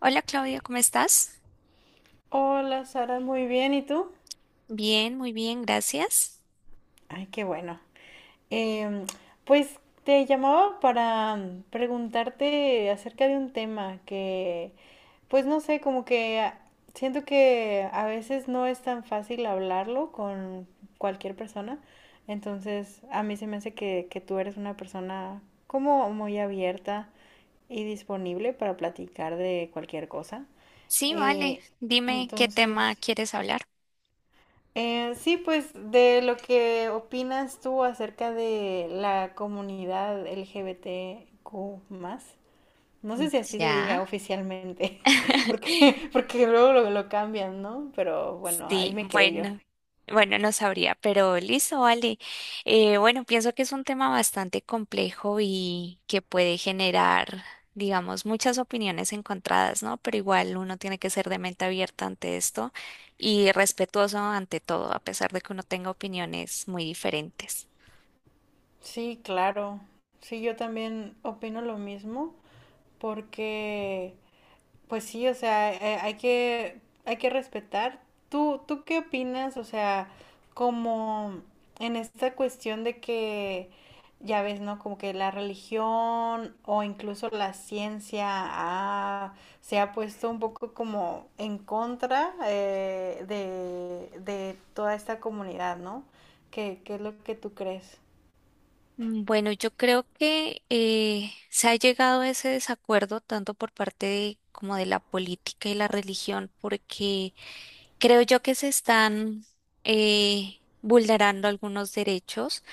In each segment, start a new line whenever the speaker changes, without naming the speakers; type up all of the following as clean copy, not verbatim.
Hola Claudia, ¿cómo estás?
Hola Sara, muy bien, ¿y tú?
Bien, muy bien, gracias.
Ay, qué bueno. Em, pues te llamaba para preguntarte acerca de un tema pues no sé, como siento que a veces no es tan fácil hablarlo con cualquier persona. Entonces, a mí se me hace que tú eres una persona como muy abierta y disponible para platicar de cualquier cosa.
Sí, vale.
Eh,
Dime qué tema
entonces,
quieres hablar.
Sí, pues de lo que opinas tú acerca de la comunidad LGBTQ+, no sé si así se
Ya.
diga oficialmente, porque luego lo cambian, ¿no? Pero bueno, ahí
Sí,
me quedé yo.
bueno. Bueno, no sabría, pero listo, vale. Bueno, pienso que es un tema bastante complejo y que puede generar, digamos, muchas opiniones encontradas, ¿no? Pero igual uno tiene que ser de mente abierta ante esto y respetuoso ante todo, a pesar de que uno tenga opiniones muy diferentes.
Sí, claro. Sí, yo también opino lo mismo, porque pues sí, o sea, hay que respetar. Tú qué opinas? O sea, como en esta cuestión ya ves, ¿no? Como que la religión o incluso la ciencia se ha puesto un poco como en contra de toda esta comunidad, ¿no? Qué es lo que tú crees?
Mm, bueno, yo creo que se ha llegado a ese desacuerdo tanto por parte de como de la política y la religión, porque creo yo que se están vulnerando algunos derechos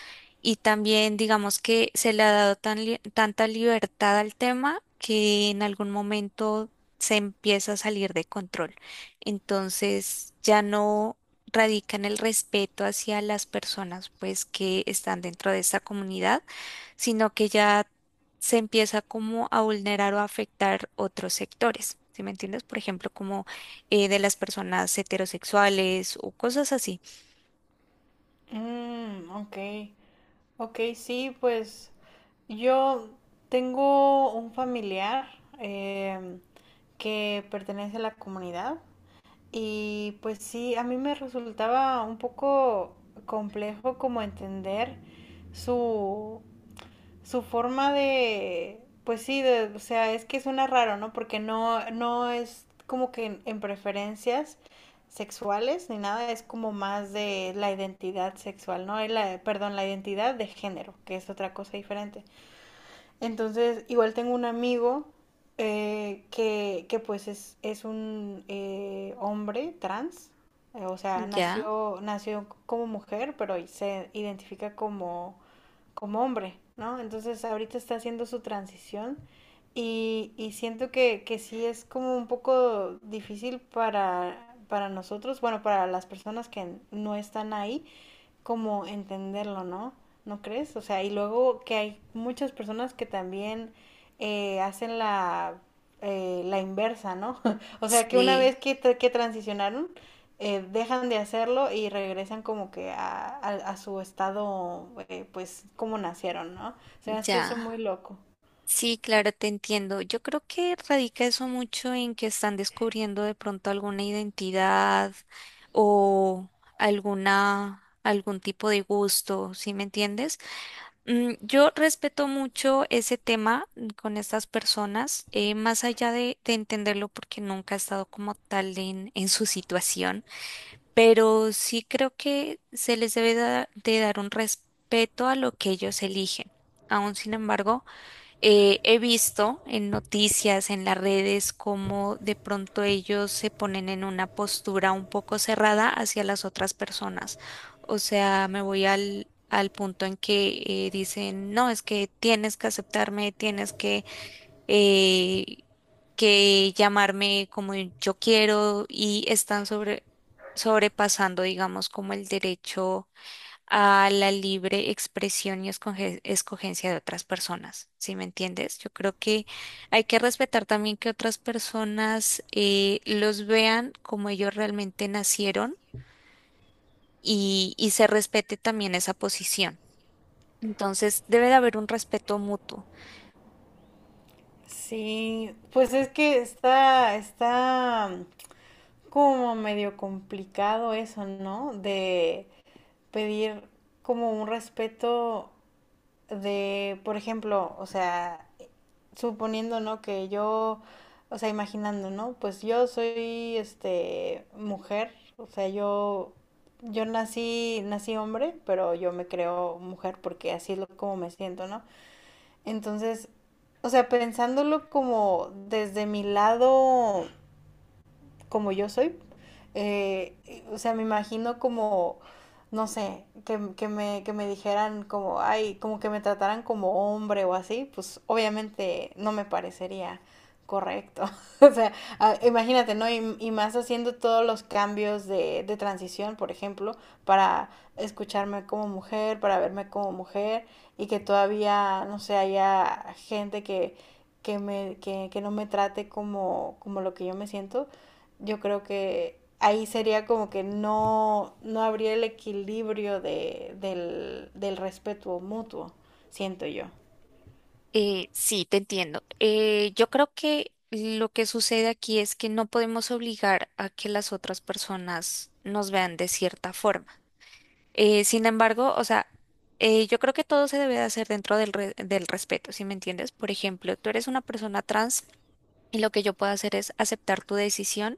y también digamos que se le ha dado tanta libertad al tema que en algún momento se empieza a salir de control. Entonces ya no radica en el respeto hacia las personas pues que están dentro de esta comunidad, sino que ya se empieza como a vulnerar o a afectar otros sectores. ¿Sí me entiendes? Por ejemplo, como de las personas heterosexuales o cosas así.
Mm, ok. Ok, sí, pues yo tengo un familiar em, que pertenece a la comunidad y pues sí, a mí me resultaba un poco complejo como entender su, su forma pues sí, o sea, es que suena raro, ¿no? Porque no es como que en preferencias sexuales ni nada, es como más de la identidad sexual, ¿no? Y la, perdón, la identidad de género, que es otra cosa diferente. Entonces, igual tengo un amigo que pues es un hombre trans, o sea,
Ya,
nació como mujer, pero se identifica como como hombre, ¿no? Entonces ahorita está haciendo su transición y siento que sí es como un poco difícil para nosotros, bueno, para las personas que no están ahí, como entenderlo, ¿no? ¿No crees? O sea, y luego que hay muchas personas que también hacen la inversa, ¿no? O sea, que una vez
sí,
que transicionaron, dejan de hacerlo y regresan como que a su estado, pues, como nacieron, ¿no? Se me hace eso
ya.
muy loco.
Sí, claro, te entiendo. Yo creo que radica eso mucho en que están descubriendo de pronto alguna identidad o algún tipo de gusto, ¿sí me entiendes? Mm, yo respeto mucho ese tema mm, con estas personas, más allá de entenderlo porque nunca he estado como tal en su situación, pero sí creo que se les de dar un respeto a lo que ellos eligen. Aún sin embargo, he visto en noticias, en las redes, cómo de pronto ellos se ponen en una postura un poco cerrada hacia las otras personas. O sea, me voy al, al punto en que dicen, no, es que tienes que aceptarme, tienes que, eh, que llamarme como yo quiero, y están sobrepasando, digamos, como el derecho a la libre expresión y escogencia de otras personas, ¿sí me entiendes? Yo creo que hay que respetar también que otras personas los vean como ellos realmente nacieron y se respete también esa posición. Entonces, debe de haber un respeto mutuo.
Sí, pues es que está como medio complicado eso, ¿no? De, pedir como un respeto de, por ejemplo, o sea, suponiendo, ¿no? Que yo, o sea, imaginando, ¿no? Pues yo soy, este, mujer, o sea, yo, nací hombre, pero yo me creo mujer porque así es lo, como me siento, ¿no? Entonces, o sea, pensándolo como desde mi lado como yo soy. Eh, o sea, me imagino como, no sé, que me dijeran como, ay, como que me trataran como hombre o así, pues obviamente no me parecería correcto. O sea, imagínate, ¿no? Y más haciendo todos los cambios de transición, por ejemplo, para escucharme como mujer, para verme como mujer, y que todavía, no sé, haya gente que no me trate como, como lo que yo me siento. Yo creo que ahí sería como que no habría el equilibrio del respeto mutuo, siento yo.
Sí, te entiendo. Yo creo que lo que sucede aquí es que no podemos obligar a que las otras personas nos vean de cierta forma. Sin embargo, o sea, yo creo que todo se debe de hacer dentro del respeto, ¿si me entiendes? Por ejemplo, tú eres una persona trans y lo que yo puedo hacer es aceptar tu decisión,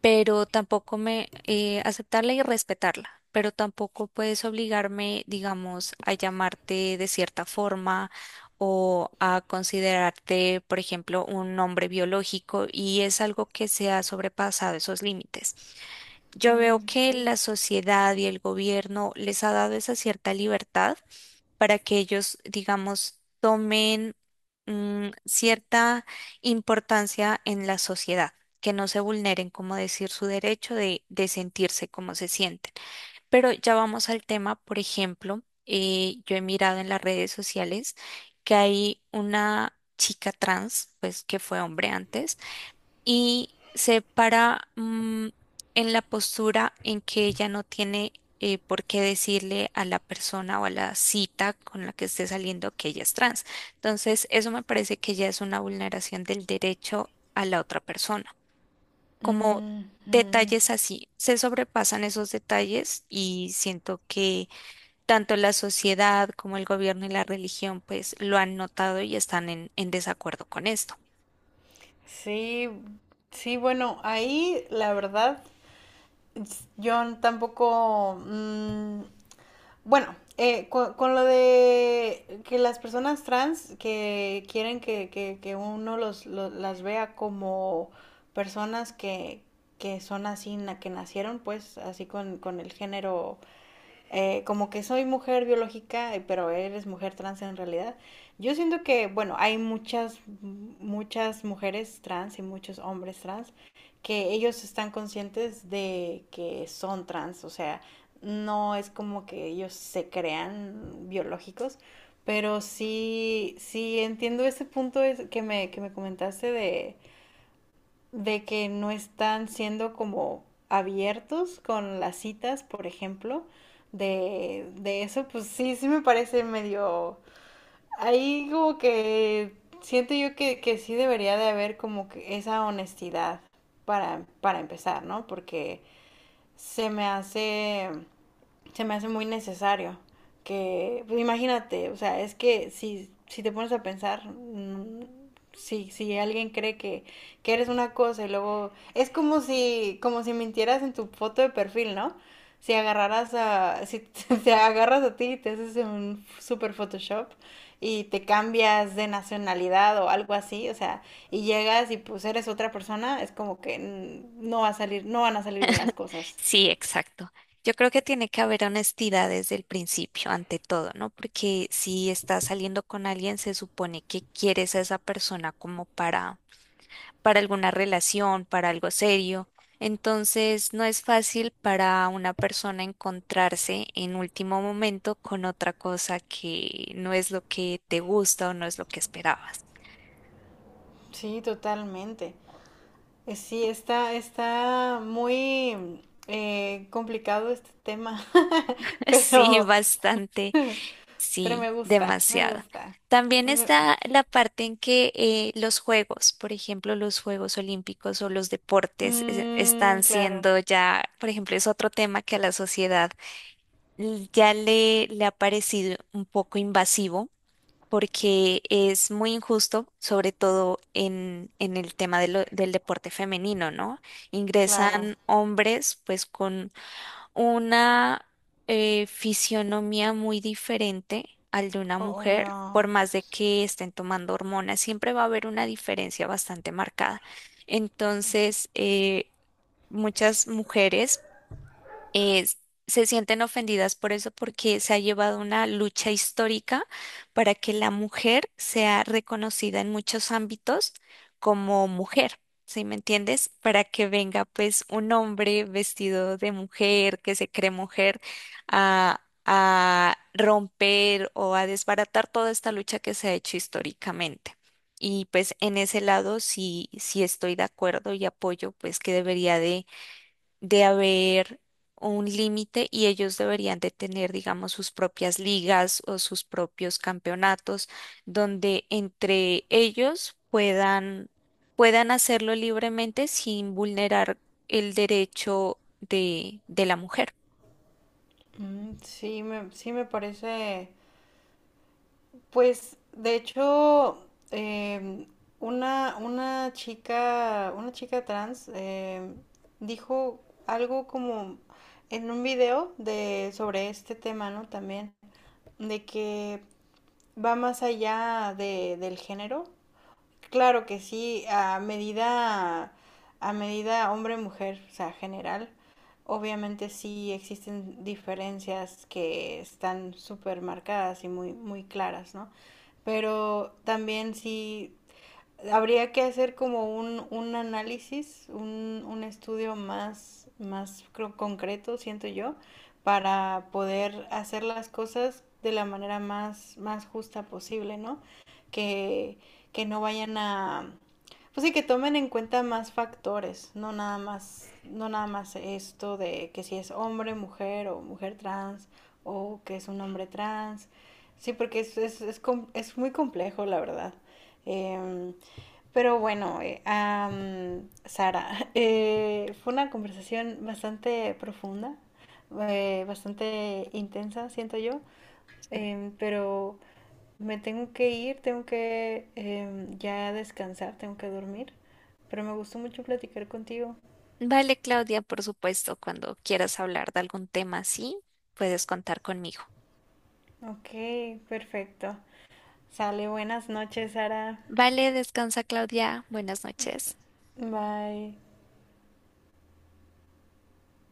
pero tampoco me aceptarla y respetarla. Pero tampoco puedes obligarme, digamos, a llamarte de cierta forma o a considerarte, por ejemplo, un hombre biológico, y es algo que se ha sobrepasado esos límites. Yo veo
Mm,
que
sí.
la sociedad y el gobierno les ha dado esa cierta libertad para que ellos, digamos, tomen mm, cierta importancia en la sociedad, que no se vulneren, como decir, su derecho de sentirse como se sienten. Pero ya vamos al tema, por ejemplo, yo he mirado en las redes sociales que hay una chica trans, pues que fue hombre antes, y se para mm, en la postura en que ella no tiene por qué decirle a la persona o a la cita con la que esté saliendo que ella es trans. Entonces, eso me parece que ya es una vulneración del derecho a la otra persona. Como
Ujú.
detalles así, se sobrepasan esos detalles, y siento que tanto la sociedad como el gobierno y la religión pues lo han notado y están en desacuerdo con esto.
Sí, sí, bueno, ahí la verdad, yo tampoco, mm, bueno, lo de que las personas trans que quieren que uno las vea como personas que son así, na, que nacieron pues así con el género como que soy mujer biológica, pero eres mujer trans en realidad. Yo siento que, bueno, hay muchas, muchas mujeres trans y muchos hombres trans que ellos están conscientes de que son trans, o sea, no es como que ellos se crean biológicos, pero sí, sí entiendo ese punto que me comentaste de que no están siendo como abiertos con las citas, por ejemplo, de eso, pues sí, sí me parece medio... Ahí como que siento yo que sí debería de haber como que esa honestidad para empezar, ¿no? Porque se me hace se me hace muy necesario. Que, pues imagínate, o sea, es que si te pones a pensar, si alguien cree que eres una cosa y luego, es como como si mintieras en tu foto de perfil, ¿no? Si agarraras si te agarras a ti y te haces un super Photoshop y te cambias de nacionalidad o algo así, o sea, y llegas y pues eres otra persona, es como que no van a salir bien las cosas.
Sí, exacto. Yo creo que tiene que haber honestidad desde el principio, ante todo, ¿no? Porque si estás saliendo con alguien, se supone que quieres a esa persona como para alguna relación, para algo serio. Entonces, no es fácil para una persona encontrarse en último momento con otra cosa que no es lo que te gusta o no es lo que esperabas.
Sí, totalmente. Sí, está muy complicado este tema,
Sí,
pero,
bastante.
pero
Sí,
me gusta, me
demasiado.
gusta.
También
Me-
está la parte en que los juegos, por ejemplo, los Juegos Olímpicos o los deportes están
claro,
siendo ya, por ejemplo, es otro tema que a la sociedad ya le ha parecido un poco invasivo porque es muy injusto, sobre todo en el tema del deporte femenino, ¿no?
claro,
Ingresan hombres pues con una fisionomía muy diferente al de una mujer,
obvio.
por más de que estén tomando hormonas, siempre va a haber una diferencia bastante marcada. Entonces, muchas mujeres eh, se sienten ofendidas por eso porque se ha llevado una lucha histórica para que la mujer sea reconocida en muchos ámbitos como mujer. ¿Sí me entiendes? Para que venga pues un hombre vestido de mujer, que se cree mujer, a romper o a desbaratar toda esta lucha que se ha hecho históricamente. Y pues en ese lado sí, sí estoy de acuerdo y apoyo pues que debería de haber un límite, y ellos deberían de tener, digamos, sus propias ligas o sus propios campeonatos donde entre ellos puedan, puedan hacerlo libremente sin vulnerar el derecho de la mujer.
Mm, sí, sí me parece. Pues, de hecho, em, una chica trans dijo algo como en un video de sobre este tema, ¿no? También de que va más allá del género. Claro que sí, a medida hombre-mujer, o sea, general, obviamente sí existen diferencias que están súper marcadas y muy, muy claras, ¿no? Pero también sí habría que hacer como un análisis, un estudio más, más creo, concreto, siento yo, para poder hacer las cosas de la manera más, más justa posible, ¿no? Que, que no vayan a, pues sí, que tomen en cuenta más factores, no nada más, no nada más esto de que si es hombre, mujer o mujer trans o que es un hombre trans. Sí, porque es muy complejo, la verdad. Em, pero bueno, Sara, fue una conversación bastante profunda, bastante intensa, siento yo, pero me tengo que ir, tengo que ya descansar, tengo que dormir, pero me gustó mucho platicar contigo.
Vale, Claudia, por supuesto, cuando quieras hablar de algún tema así, puedes contar conmigo.
Ok, perfecto. Sale, buenas noches, Sara.
Vale, descansa, Claudia. Buenas noches.
Bye.